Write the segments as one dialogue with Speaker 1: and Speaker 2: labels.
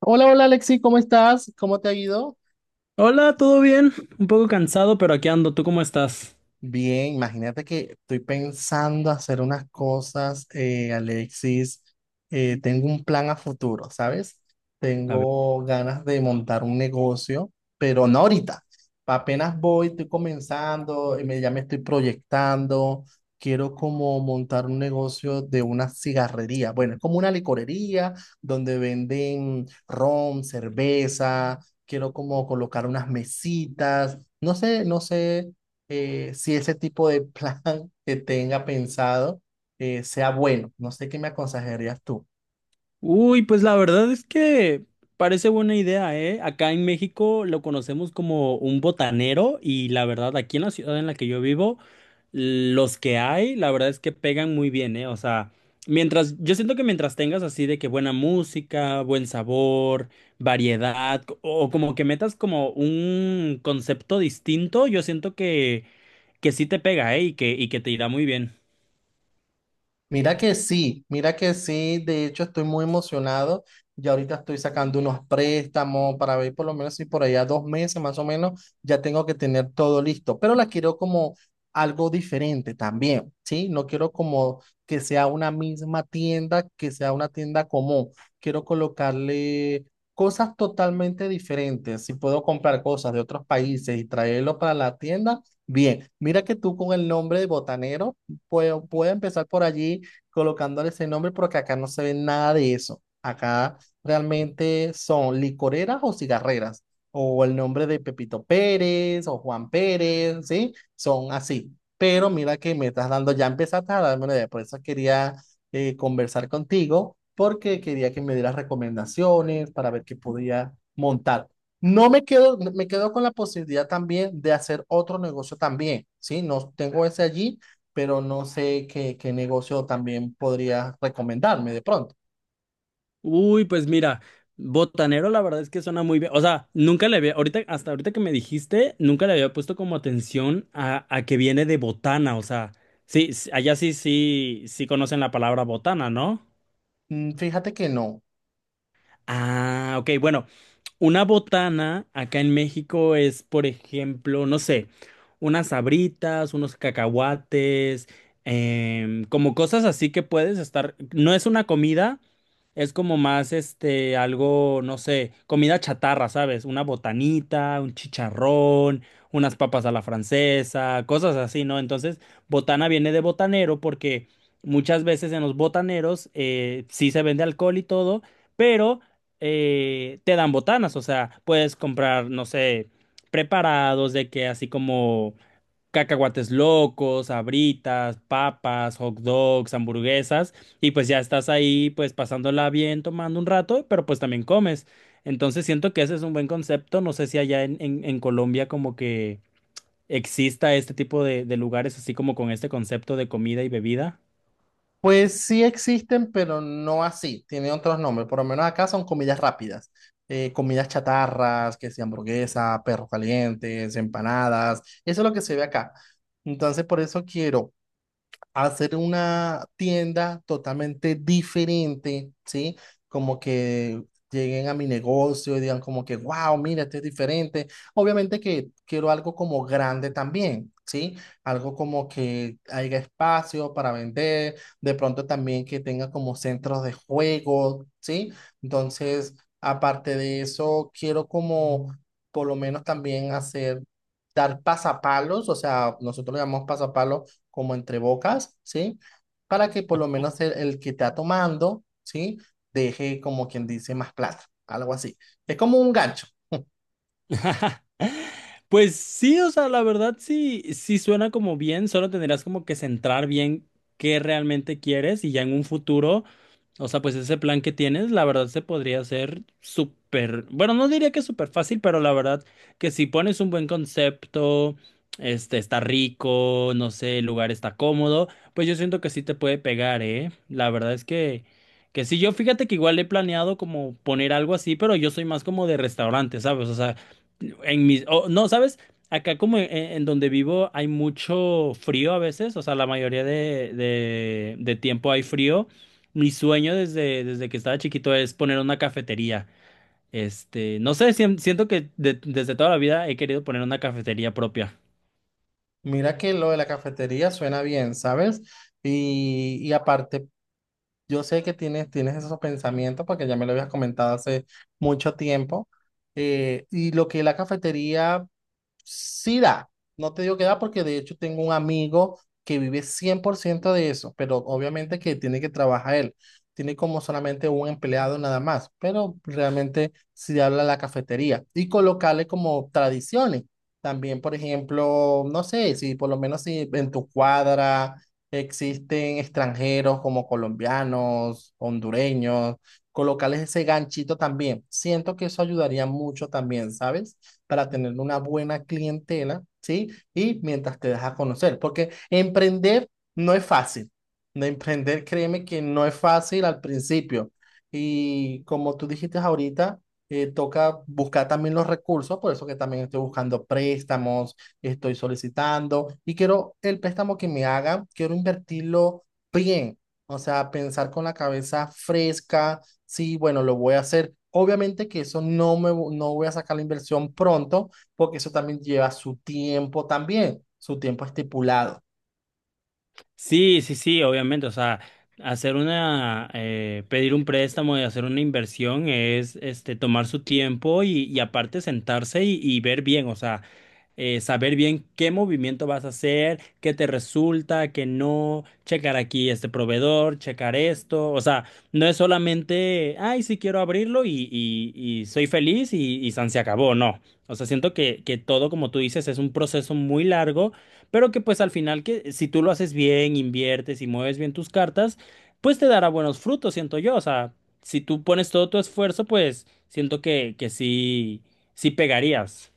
Speaker 1: Hola, hola Alexi, ¿cómo estás? ¿Cómo te ha ido?
Speaker 2: Hola, ¿todo bien? Un poco cansado, pero aquí ando. ¿Tú cómo estás?
Speaker 1: Bien, imagínate que estoy pensando hacer unas cosas, Alexis. Tengo un plan a futuro, ¿sabes?
Speaker 2: A ver.
Speaker 1: Tengo ganas de montar un negocio, pero no ahorita. Apenas voy, estoy comenzando, ya me estoy proyectando. Quiero como montar un negocio de una cigarrería. Bueno, es como una licorería donde venden ron, cerveza. Quiero como colocar unas mesitas. No sé, si ese tipo de plan que tenga pensado sea bueno. No sé qué me aconsejarías tú.
Speaker 2: Uy, pues la verdad es que parece buena idea, ¿eh? Acá en México lo conocemos como un botanero y la verdad aquí en la ciudad en la que yo vivo, los que hay, la verdad es que pegan muy bien, ¿eh? O sea, mientras, yo siento que mientras tengas así de que buena música, buen sabor, variedad, o como que metas como un concepto distinto, yo siento que sí te pega, ¿eh? Y y que te irá muy bien.
Speaker 1: Mira que sí, de hecho estoy muy emocionado. Ya ahorita estoy sacando unos préstamos para ver por lo menos si por allá dos meses más o menos ya tengo que tener todo listo, pero la quiero como algo diferente también, ¿sí? No quiero como que sea una misma tienda, que sea una tienda común. Quiero colocarle cosas totalmente diferentes. Si puedo comprar cosas de otros países y traerlo para la tienda, bien. Mira que tú con el nombre de Botanero, puedo empezar por allí colocándole ese nombre porque acá no se ve nada de eso. Acá realmente son licoreras o cigarreras, o el nombre de Pepito Pérez o Juan Pérez, ¿sí? Son así. Pero mira que me estás dando, ya empezaste a darme una idea, por eso quería conversar contigo, porque quería que me dieras recomendaciones para ver qué podía montar. No me quedo, me quedo con la posibilidad también de hacer otro negocio también, ¿sí? No tengo ese allí, pero no sé qué, qué negocio también podría recomendarme de pronto.
Speaker 2: Uy, pues mira, botanero la verdad es que suena muy bien. O sea, nunca le había, ahorita, hasta ahorita que me dijiste, nunca le había puesto como atención a que viene de botana. O sea, sí, allá sí, sí conocen la palabra botana, ¿no?
Speaker 1: Mm, fíjate que no.
Speaker 2: Ah, ok, bueno, una botana acá en México es, por ejemplo, no sé, unas sabritas, unos cacahuates, como cosas así que puedes estar. No es una comida, es como más este, algo, no sé, comida chatarra, ¿sabes? Una botanita, un chicharrón, unas papas a la francesa, cosas así, ¿no? Entonces, botana viene de botanero porque muchas veces en los botaneros sí se vende alcohol y todo, pero te dan botanas, o sea, puedes comprar, no sé, preparados de que así como cacahuates locos, abritas, papas, hot dogs, hamburguesas, y pues ya estás ahí, pues pasándola bien, tomando un rato, pero pues también comes. Entonces siento que ese es un buen concepto, no sé si allá en Colombia como que exista este tipo de lugares así como con este concepto de comida y bebida.
Speaker 1: Pues sí existen, pero no así. Tienen otros nombres. Por lo menos acá son comidas rápidas. Comidas chatarras, que sea hamburguesa, perros calientes, empanadas. Eso es lo que se ve acá. Entonces, por eso quiero hacer una tienda totalmente diferente, ¿sí? Como que lleguen a mi negocio y digan como que, wow, mira, esto es diferente. Obviamente que quiero algo como grande también, ¿sí? Algo como que haya espacio para vender, de pronto también que tenga como centros de juego, ¿sí? Entonces, aparte de eso, quiero como por lo menos también hacer... Dar pasapalos, o sea, nosotros le llamamos pasapalos como entre bocas, ¿sí? Para que por lo menos el que está tomando, ¿sí? Deje como quien dice más plata, algo así. Es como un gancho.
Speaker 2: Pues sí, o sea, la verdad sí, sí suena como bien, solo tendrás como que centrar bien qué realmente quieres y ya en un futuro. O sea, pues ese plan que tienes, la verdad se podría hacer súper, bueno, no diría que súper fácil, pero la verdad que si pones un buen concepto, este está rico, no sé, el lugar está cómodo, pues yo siento que sí te puede pegar, ¿eh? La verdad es que sí, yo fíjate que igual he planeado como poner algo así, pero yo soy más como de restaurante, ¿sabes? O sea, en mis, o no, ¿sabes? Acá como en donde vivo hay mucho frío a veces, o sea, la mayoría de, de tiempo hay frío. Mi sueño desde, desde que estaba chiquito es poner una cafetería. Este, no sé, siento que desde toda la vida he querido poner una cafetería propia.
Speaker 1: Mira que lo de la cafetería suena bien, ¿sabes? Y aparte, yo sé que tienes esos pensamientos porque ya me lo habías comentado hace mucho tiempo. Y lo que es la cafetería sí da, no te digo que da porque de hecho tengo un amigo que vive 100% de eso, pero obviamente que tiene que trabajar él. Tiene como solamente un empleado nada más, pero realmente sí habla la cafetería y colocarle como tradiciones. También, por ejemplo, no sé, si por lo menos si en tu cuadra existen extranjeros como colombianos, hondureños, colocarles ese ganchito también. Siento que eso ayudaría mucho también, ¿sabes? Para tener una buena clientela, ¿sí? Y mientras te dejas conocer, porque emprender no es fácil. De emprender, créeme que no es fácil al principio. Y como tú dijiste ahorita, toca buscar también los recursos, por eso que también estoy buscando préstamos, estoy solicitando y quiero el préstamo que me hagan, quiero invertirlo bien, o sea, pensar con la cabeza fresca. Sí, bueno, lo voy a hacer. Obviamente que eso no voy a sacar la inversión pronto, porque eso también lleva su tiempo también, su tiempo estipulado.
Speaker 2: Sí, sí, sí, obviamente. O sea, hacer una, pedir un préstamo y hacer una inversión es, este, tomar su tiempo y aparte sentarse y ver bien. O sea, saber bien qué movimiento vas a hacer, qué te resulta, qué no, checar aquí este proveedor, checar esto, o sea, no es solamente, ay, sí quiero abrirlo y, y soy feliz y san se acabó, no. O sea, siento que todo, como tú dices, es un proceso muy largo, pero que pues al final que si tú lo haces bien, inviertes y mueves bien tus cartas, pues te dará buenos frutos, siento yo. O sea, si tú pones todo tu esfuerzo, pues siento que sí, sí pegarías.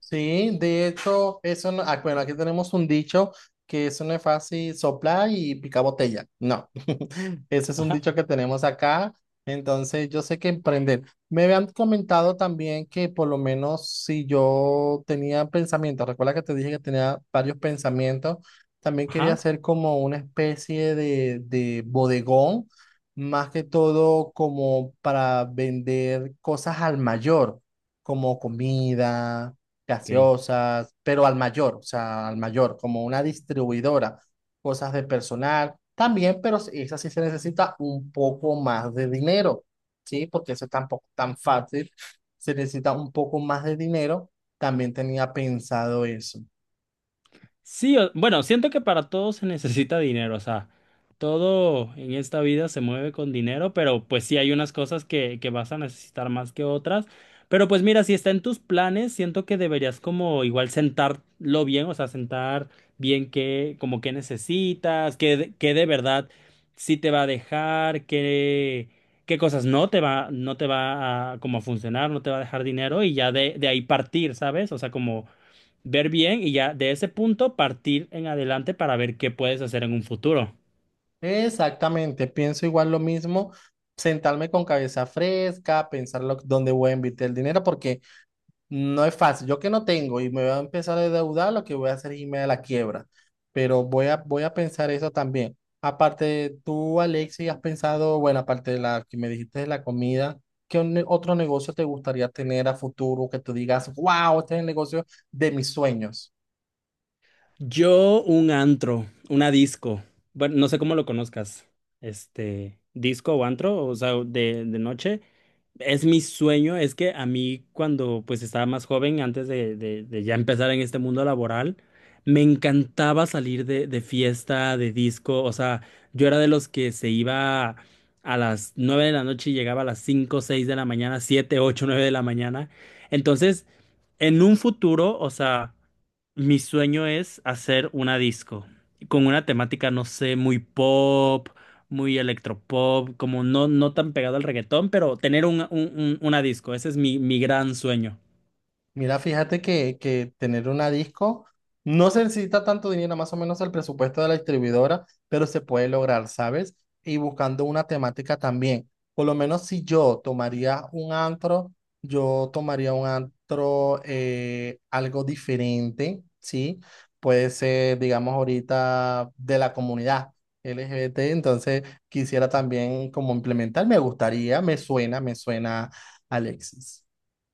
Speaker 1: Sí, de hecho, eso no, ah, bueno, aquí tenemos un dicho que eso no es fácil soplar y picar botella. No, ese es un dicho que tenemos acá. Entonces, yo sé que emprender. Me habían comentado también que por lo menos si yo tenía pensamientos, recuerda que te dije que tenía varios pensamientos, también quería
Speaker 2: Ajá.
Speaker 1: hacer como una especie de bodegón, más que todo como para vender cosas al mayor, como comida,
Speaker 2: Ok.
Speaker 1: gaseosas, pero al mayor, o sea, al mayor, como una distribuidora, cosas de personal también, pero sí, esa sí se necesita un poco más de dinero, ¿sí? Porque eso tampoco es tan fácil, se necesita un poco más de dinero, también tenía pensado eso.
Speaker 2: Sí, o bueno, siento que para todo se necesita dinero, o sea, todo en esta vida se mueve con dinero, pero pues sí hay unas cosas que vas a necesitar más que otras. Pero pues mira, si está en tus planes, siento que deberías como igual sentarlo bien, o sea, sentar bien qué, como qué necesitas, qué, qué de verdad sí te va a dejar, qué, qué cosas no te va, no te va a como a funcionar, no te va a dejar dinero y ya de ahí partir, ¿sabes? O sea, como ver bien y ya de ese punto partir en adelante para ver qué puedes hacer en un futuro.
Speaker 1: Exactamente, pienso igual lo mismo, sentarme con cabeza fresca, pensar dónde voy a invertir el dinero, porque no es fácil. Yo que no tengo y me voy a empezar a endeudar, lo que voy a hacer es irme a la quiebra. Pero voy a, voy a pensar eso también. Aparte, tú, Alexis, has pensado, bueno, aparte de la que me dijiste de la comida, ¿qué otro negocio te gustaría tener a futuro que tú digas, wow, este es el negocio de mis sueños?
Speaker 2: Yo un antro, una disco. Bueno, no sé cómo lo conozcas. Este, disco o antro, o sea, de noche. Es mi sueño, es que a mí cuando pues estaba más joven, antes de, de ya empezar en este mundo laboral, me encantaba salir de fiesta, de disco, o sea, yo era de los que se iba a las 9 de la noche y llegaba a las 5 6 de la mañana, 7 8 9 de la mañana. Entonces, en un futuro, o sea… Mi sueño es hacer una disco con una temática, no sé, muy pop, muy electropop, como no, no tan pegado al reggaetón, pero tener una disco, ese es mi, mi gran sueño.
Speaker 1: Mira, fíjate que tener una disco no se necesita tanto dinero, más o menos el presupuesto de la distribuidora, pero se puede lograr, ¿sabes? Y buscando una temática también. Por lo menos si yo tomaría un antro, yo tomaría un antro algo diferente, ¿sí? Puede ser, digamos, ahorita de la comunidad LGBT, entonces quisiera también como implementar, me gustaría, me suena, Alexis.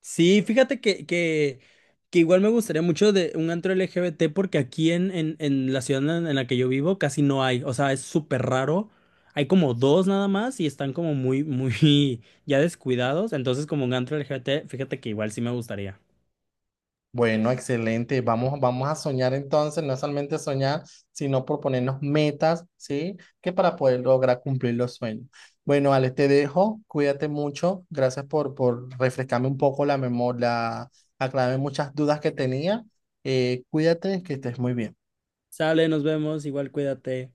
Speaker 2: Sí, fíjate que igual me gustaría mucho de un antro LGBT porque aquí en la ciudad en la que yo vivo casi no hay, o sea, es súper raro. Hay como dos nada más y están como muy ya descuidados. Entonces, como un antro LGBT, fíjate que igual sí me gustaría.
Speaker 1: Bueno, excelente. Vamos, vamos a soñar entonces, no solamente soñar, sino proponernos metas, ¿sí? Que para poder lograr cumplir los sueños. Bueno, Alex, te dejo. Cuídate mucho. Gracias por refrescarme un poco la memoria, aclararme muchas dudas que tenía. Cuídate, que estés muy bien.
Speaker 2: Sale, nos vemos, igual cuídate.